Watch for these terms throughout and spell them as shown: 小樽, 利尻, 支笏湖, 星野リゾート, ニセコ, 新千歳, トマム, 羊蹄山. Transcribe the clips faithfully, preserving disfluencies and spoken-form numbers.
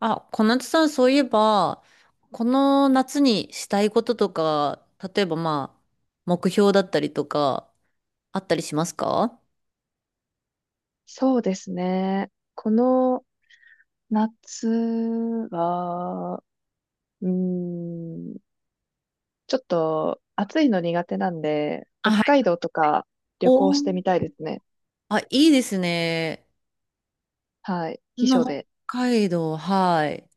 あ、小夏さん、そういえば、この夏にしたいこととか、例えばまあ、目標だったりとか、あったりしますか？そうですね。この夏は、うーん、ちょっと暑いの苦手なんで、あ、北はい。海道とかお旅ー。行してみたいですね。あ、いいですね。はい。そ避暑ので。北海道、はい。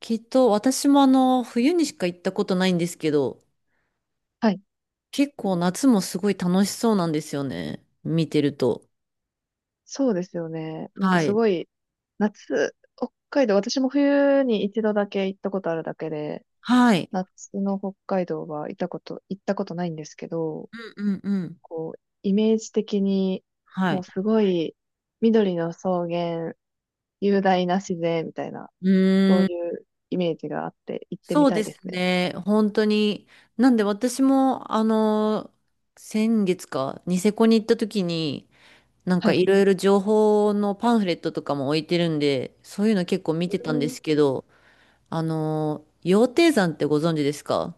きっと、私もあの、冬にしか行ったことないんですけど、はい。結構夏もすごい楽しそうなんですよね。見てると。そうですよね。なんかはすい。ごい、夏、北海道、私も冬に一度だけ行ったことあるだけで、はい。夏の北海道は行ったこと、行ったことないんですけど、うんうんうん。こう、イメージ的に、はもい。うすごい、緑の草原、雄大な自然みたいな、そうういうイメージがあって行ってそみうたでいですすね。ね。本当に。なんで私も、あの、先月か、ニセコに行った時に、なんはかい。いろいろ情報のパンフレットとかも置いてるんで、そういうの結構見うてたんでん、すけど、あの、羊蹄山ってご存知ですか？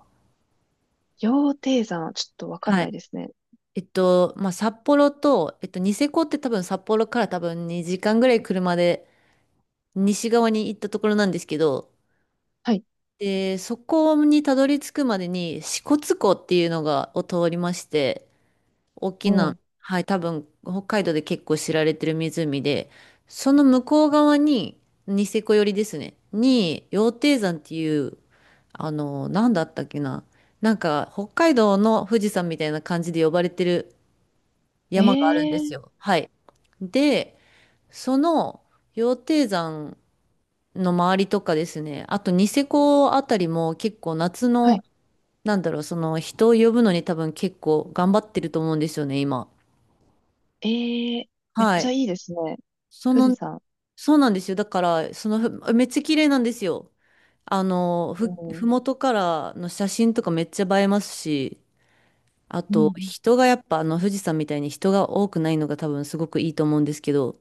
羊蹄山、ちょっとわかんはないい。ですね。えっと、まあ、札幌と、えっと、ニセコって多分札幌から多分にじかんぐらい車で西側に行ったところなんですけど、はい。で、そこにたどり着くまでに支笏湖っていうのが、を通りまして、大きおな、う。はい、多分北海道で結構知られてる湖で、その向こう側に、ニセコ寄りですね、に、羊蹄山っていう、あの、なんだったっけな、なんか北海道の富士山みたいな感じで呼ばれてるえ山があるんですえー、よ。はい。で、その羊蹄山の周りとかですね、あとニセコあたりも結構夏はの、い。なんだろう、その人を呼ぶのに多分結構頑張ってると思うんですよね、今。ええー、めっはちい。ゃいいですね。そ富士の、山。そうなんですよ。だから、そのふ、めっちゃ綺麗なんですよ。あの、ふ、おふう。もとからの写真とかめっちゃ映えますし、あうんうと、ん。人がやっぱ、あの、富士山みたいに人が多くないのが多分すごくいいと思うんですけど、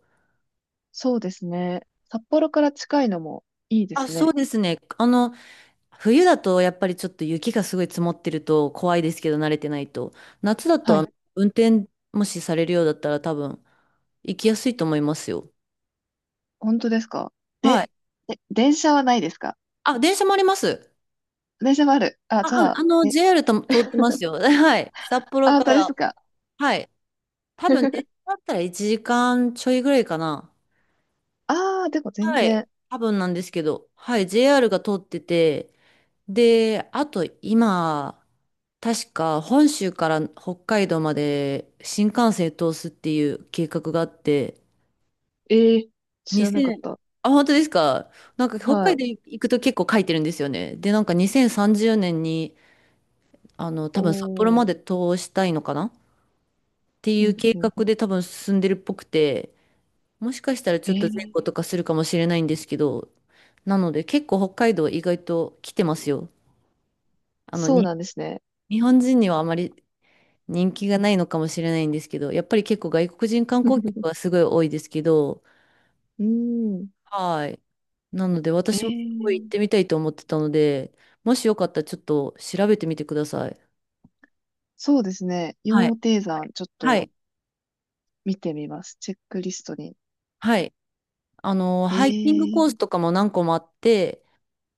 そうですね。札幌から近いのもいいであ、すそうね。ですね。あの、冬だとやっぱりちょっと雪がすごい積もってると怖いですけど、慣れてないと。夏だと、はあい。の、運転もしされるようだったら多分、行きやすいと思いますよ。本当ですか？はで、い。で、電車はないですか？あ、電車もあります。電車もある。あ、あ、じうゃん。あ、あの、え、ジェイアール と通ってま すよ。はい。札幌あ、か本当ですら。か。はい。多分ね、電車 だったらいちじかんちょいぐらいかな。ああ、でも全はい。然。多分なんですけど。はい。ジェイアール が通ってて。で、あと今、確か本州から北海道まで新幹線通すっていう計画があって、ええー、知に らなかっゼロ。た。あ、本当ですか？なんか北は海い。道行くと結構書いてるんですよね。で、なんかにせんさんじゅうねんに、あの、多お分札幌まー、で通したいのかな、っていううん計うん。画で多分進んでるっぽくて、もしかしたらえちょっと前ー、後とかするかもしれないんですけど、なので結構北海道意外と来てますよ。あの、そうに、なんですね。日本人にはあまり人気がないのかもしれないんですけど、やっぱり結構外国人観光客はす ごい多いですけど、うん。はい。なのでえ私もすごい行っー、てみたいと思ってたので、もしよかったらちょっと調べてみてください。そうですね。はい。羊蹄山、ちょっはとい。見てみます。チェックリストに。はい。あの、えハイキングコー、ースとかも何個もあって、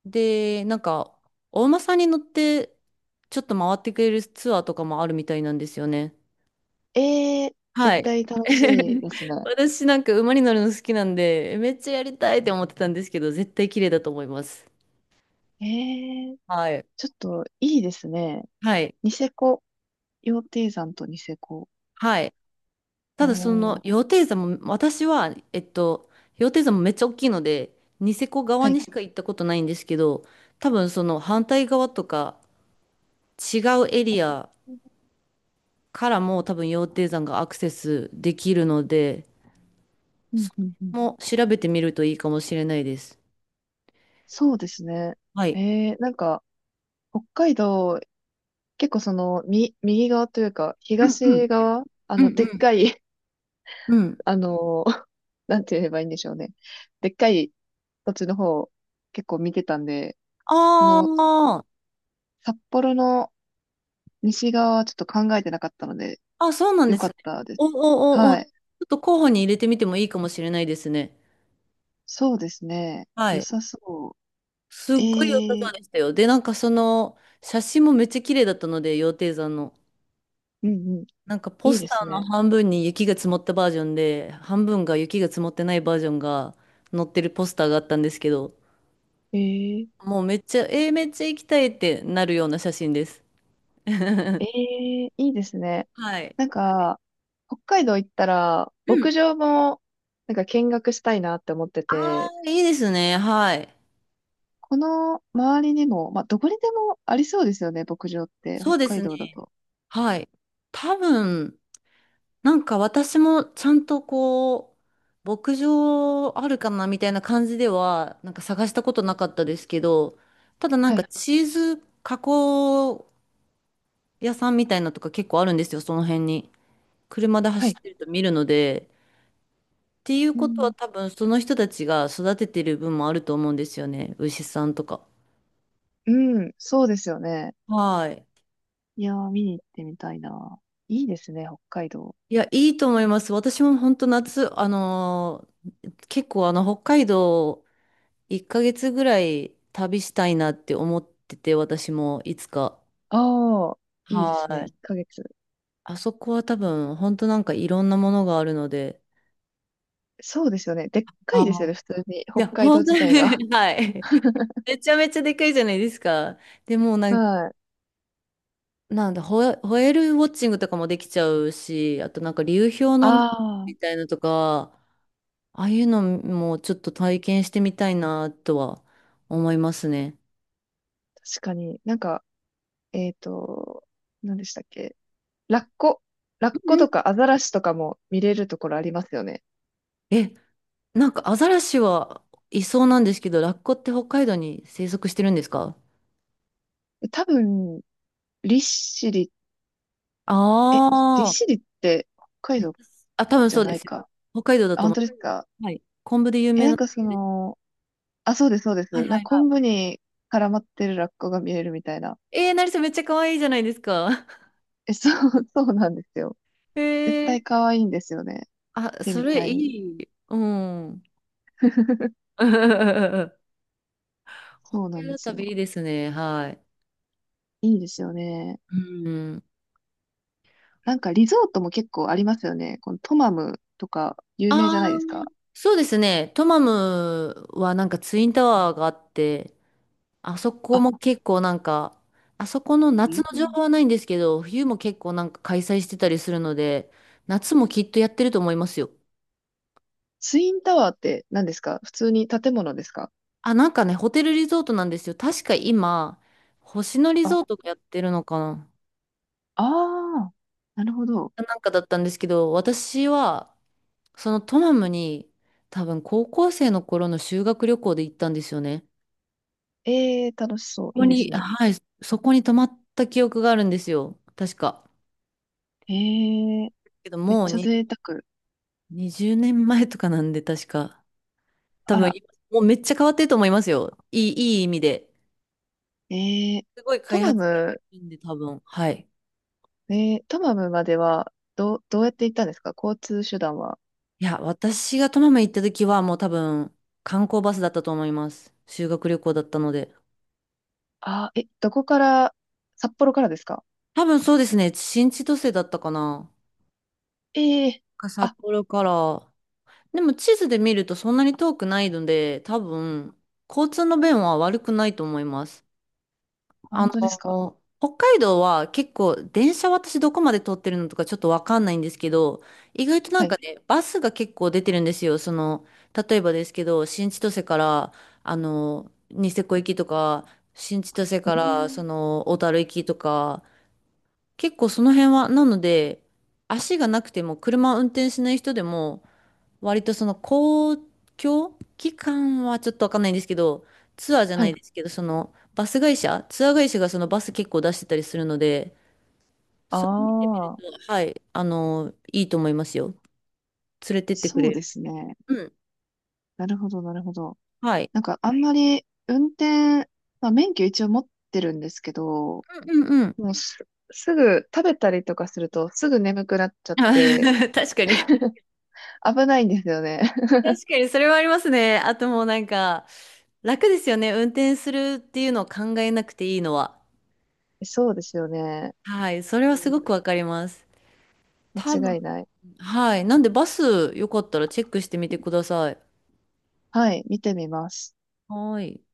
で、なんか、お馬さんに乗って、ちょっと回ってくれるツアーとかもあるみたいなんですよね。えー、は絶い。対楽しいで すね。私なんか馬に乗るの好きなんで、めっちゃやりたいって思ってたんですけど、絶対綺麗だと思います。えー、はい。ちょっといいですね。はい。ニセコ。羊蹄山とニセコ。はい。ただその、おー、羊蹄山も、私は、えっと、羊蹄山もめっちゃ大きいので、ニセコ側はにい。しか行ったことないんですけど、多分その反対側とか違うエリアからも多分羊蹄山がアクセスできるので、うんうんうん。も調べてみるといいかもしれないです。そうですね。はい。えー、なんか、北海道結構その、み、右側というか、うんうん。東側、あうんの、うでっん。かい、うん。あの、なんて言えばいいんでしょうね。でっかい土地の方、結構見てたんで、その、あ札幌の西側はちょっと考えてなかったので、あ、あ、そうなんよですかね。ったでお、す。お、お、お、ちはょい。っと候補に入れてみてもいいかもしれないですね。そうですね。は良い。さそすっごい良さそうう。ええ、でしたよ。で、なんかその、写真もめっちゃ綺麗だったので、羊蹄山の。うんうん。なんかポいいスですターのね。半分に雪が積もったバージョンで、半分が雪が積もってないバージョンが載ってるポスターがあったんですけど、ええ、もうめっちゃ、えーめっちゃ行きたいってなるような写真です。え え、いいですね。はい。なんか、北海道行ったら、うん。牧場も、なんか見学したいなって思ってあて、あ、いいですね。はい。この周りにも、まあ、どこにでもありそうですよね、牧場って、そ北うで海す道だね。と。はい。多分、なんか私もちゃんとこう、牧場あるかなみたいな感じでは、なんか探したことなかったですけど、ただなんはかい、チーズ加工屋さんみたいなとか結構あるんですよ、その辺に。車では走い。ってると見るので。っていううことはん、多分その人たちが育ててる分もあると思うんですよね、牛さんとか。うん、そうですよね。はい。いやー、見に行ってみたいな。いいですね、北海道。いや、いいと思います。私も本当夏、あのー結構あの、北海道いっかげつぐらい旅したいなって思ってて、私もいつか。ああ、いいですね、は1い。ヶ月。あそこは多分、本当なんかいろんなものがあるので。そうですよね。でっかあいですよあ。ね、普通に、い北や、海道本当自に 体が。はい。めちゃめちゃでかいじゃないですか。でもうなん、はい。なんだ、ホエ、ホエールウォッチングとかもできちゃうし、あとなんか流氷のね、ああ、みたいなとか、ああいうのもちょっと体験してみたいなとは思いますね。確かに。なんか、えっと、何でしたっけ？ラッコ。ラッコうん。とかアザラシとかも見れるところありますよね。え、なんかアザラシはいそうなんですけど、ラッコって北海道に生息してるんですか？多分、利尻、え、あ利あー。尻って北海道あ、多分じそゃうでないすよ。か。北海道だあ、と本思当ですか。う。はい。昆布で有え、名なな。んかその、あ、そうです、そうではいす。なはんかいは昆布に絡まってるラッコが見れるみたいな。い。えー、成瀬めっちゃ可愛いじゃないですか。え、そう、そうなんですよ。え絶ー、対可愛いんですよね。あ、見てそみれたい。いい。うん。北そうな海ん道ですよ。旅いいですね。はい。いいですよね。うん。なんかリゾートも結構ありますよね。このトマムとか有ああ、名じゃないですか。そうですね。トマムはなんかツインタワーがあって、あそこあ、も結構なんか、あそこのう夏の情ん、報はないんですけど、冬も結構なんか開催してたりするので、夏もきっとやってると思いますよ。ツインタワーって何ですか？普通に建物ですか？あ、なんかね、ホテルリゾートなんですよ。確か今、星野リあ、ゾートがやってるのかな。あー、なるほど。なんかだったんですけど、私は、そのトマムに多分高校生の頃の修学旅行で行ったんですよね。ええー、楽しそう。ここいいでに、すね。はい、そこに泊まった記憶があるんですよ。確か。ええー、けどめっもうちゃに贅沢。にじゅうねんまえとかなんで、確か。多あ分、ら、もうめっちゃ変わってると思いますよ。いい、いい意味で。ええー、すごいト開マ発されム、てるんで、多分。はい。えー、トマムまではどう、どうやって行ったんですか？交通手段は。いや、私がトマム行った時はもう多分、観光バスだったと思います。修学旅行だったので。あー、え、どこから、札幌からですか？多分そうですね。新千歳だったかな。ええー、か札あ、幌から。でも地図で見るとそんなに遠くないので、多分、交通の便は悪くないと思います。あ本当ですか？の、北海道は結構電車私どこまで通ってるのとかちょっとわかんないんですけど、意外となはんい。かね、バスが結構出てるんですよ。その、例えばですけど、新千歳から、あの、ニセコ行きとか、新千歳おから、そー、の、小樽行きとか、結構その辺は、なので、足がなくても車を運転しない人でも、割とその公共機関はちょっとわかんないんですけど、ツアーじゃはないい。ですけど、そのバス会社、ツアー会社がそのバス結構出してたりするので、あそれ見てみると、あ。はい、あの、いいと思いますよ。連れてってくそうれでる。すね。うん。なるほど、なるほど。はい。なんかあんまり運転、まあ、免許一応持ってるんですけど、うんうんうん。もうす、すぐ食べたりとかするとすぐ眠くなっちゃって 確かに。危ないんですよね。確かに、それはありますね。あともうなんか、楽ですよね。運転するっていうのを考えなくていいのは。そうですよね。はい。それはうすん、ごくわかります。多間分、違いない。はい。なんでバスよかったらチェックしてみてください。はい、見てみます。はい。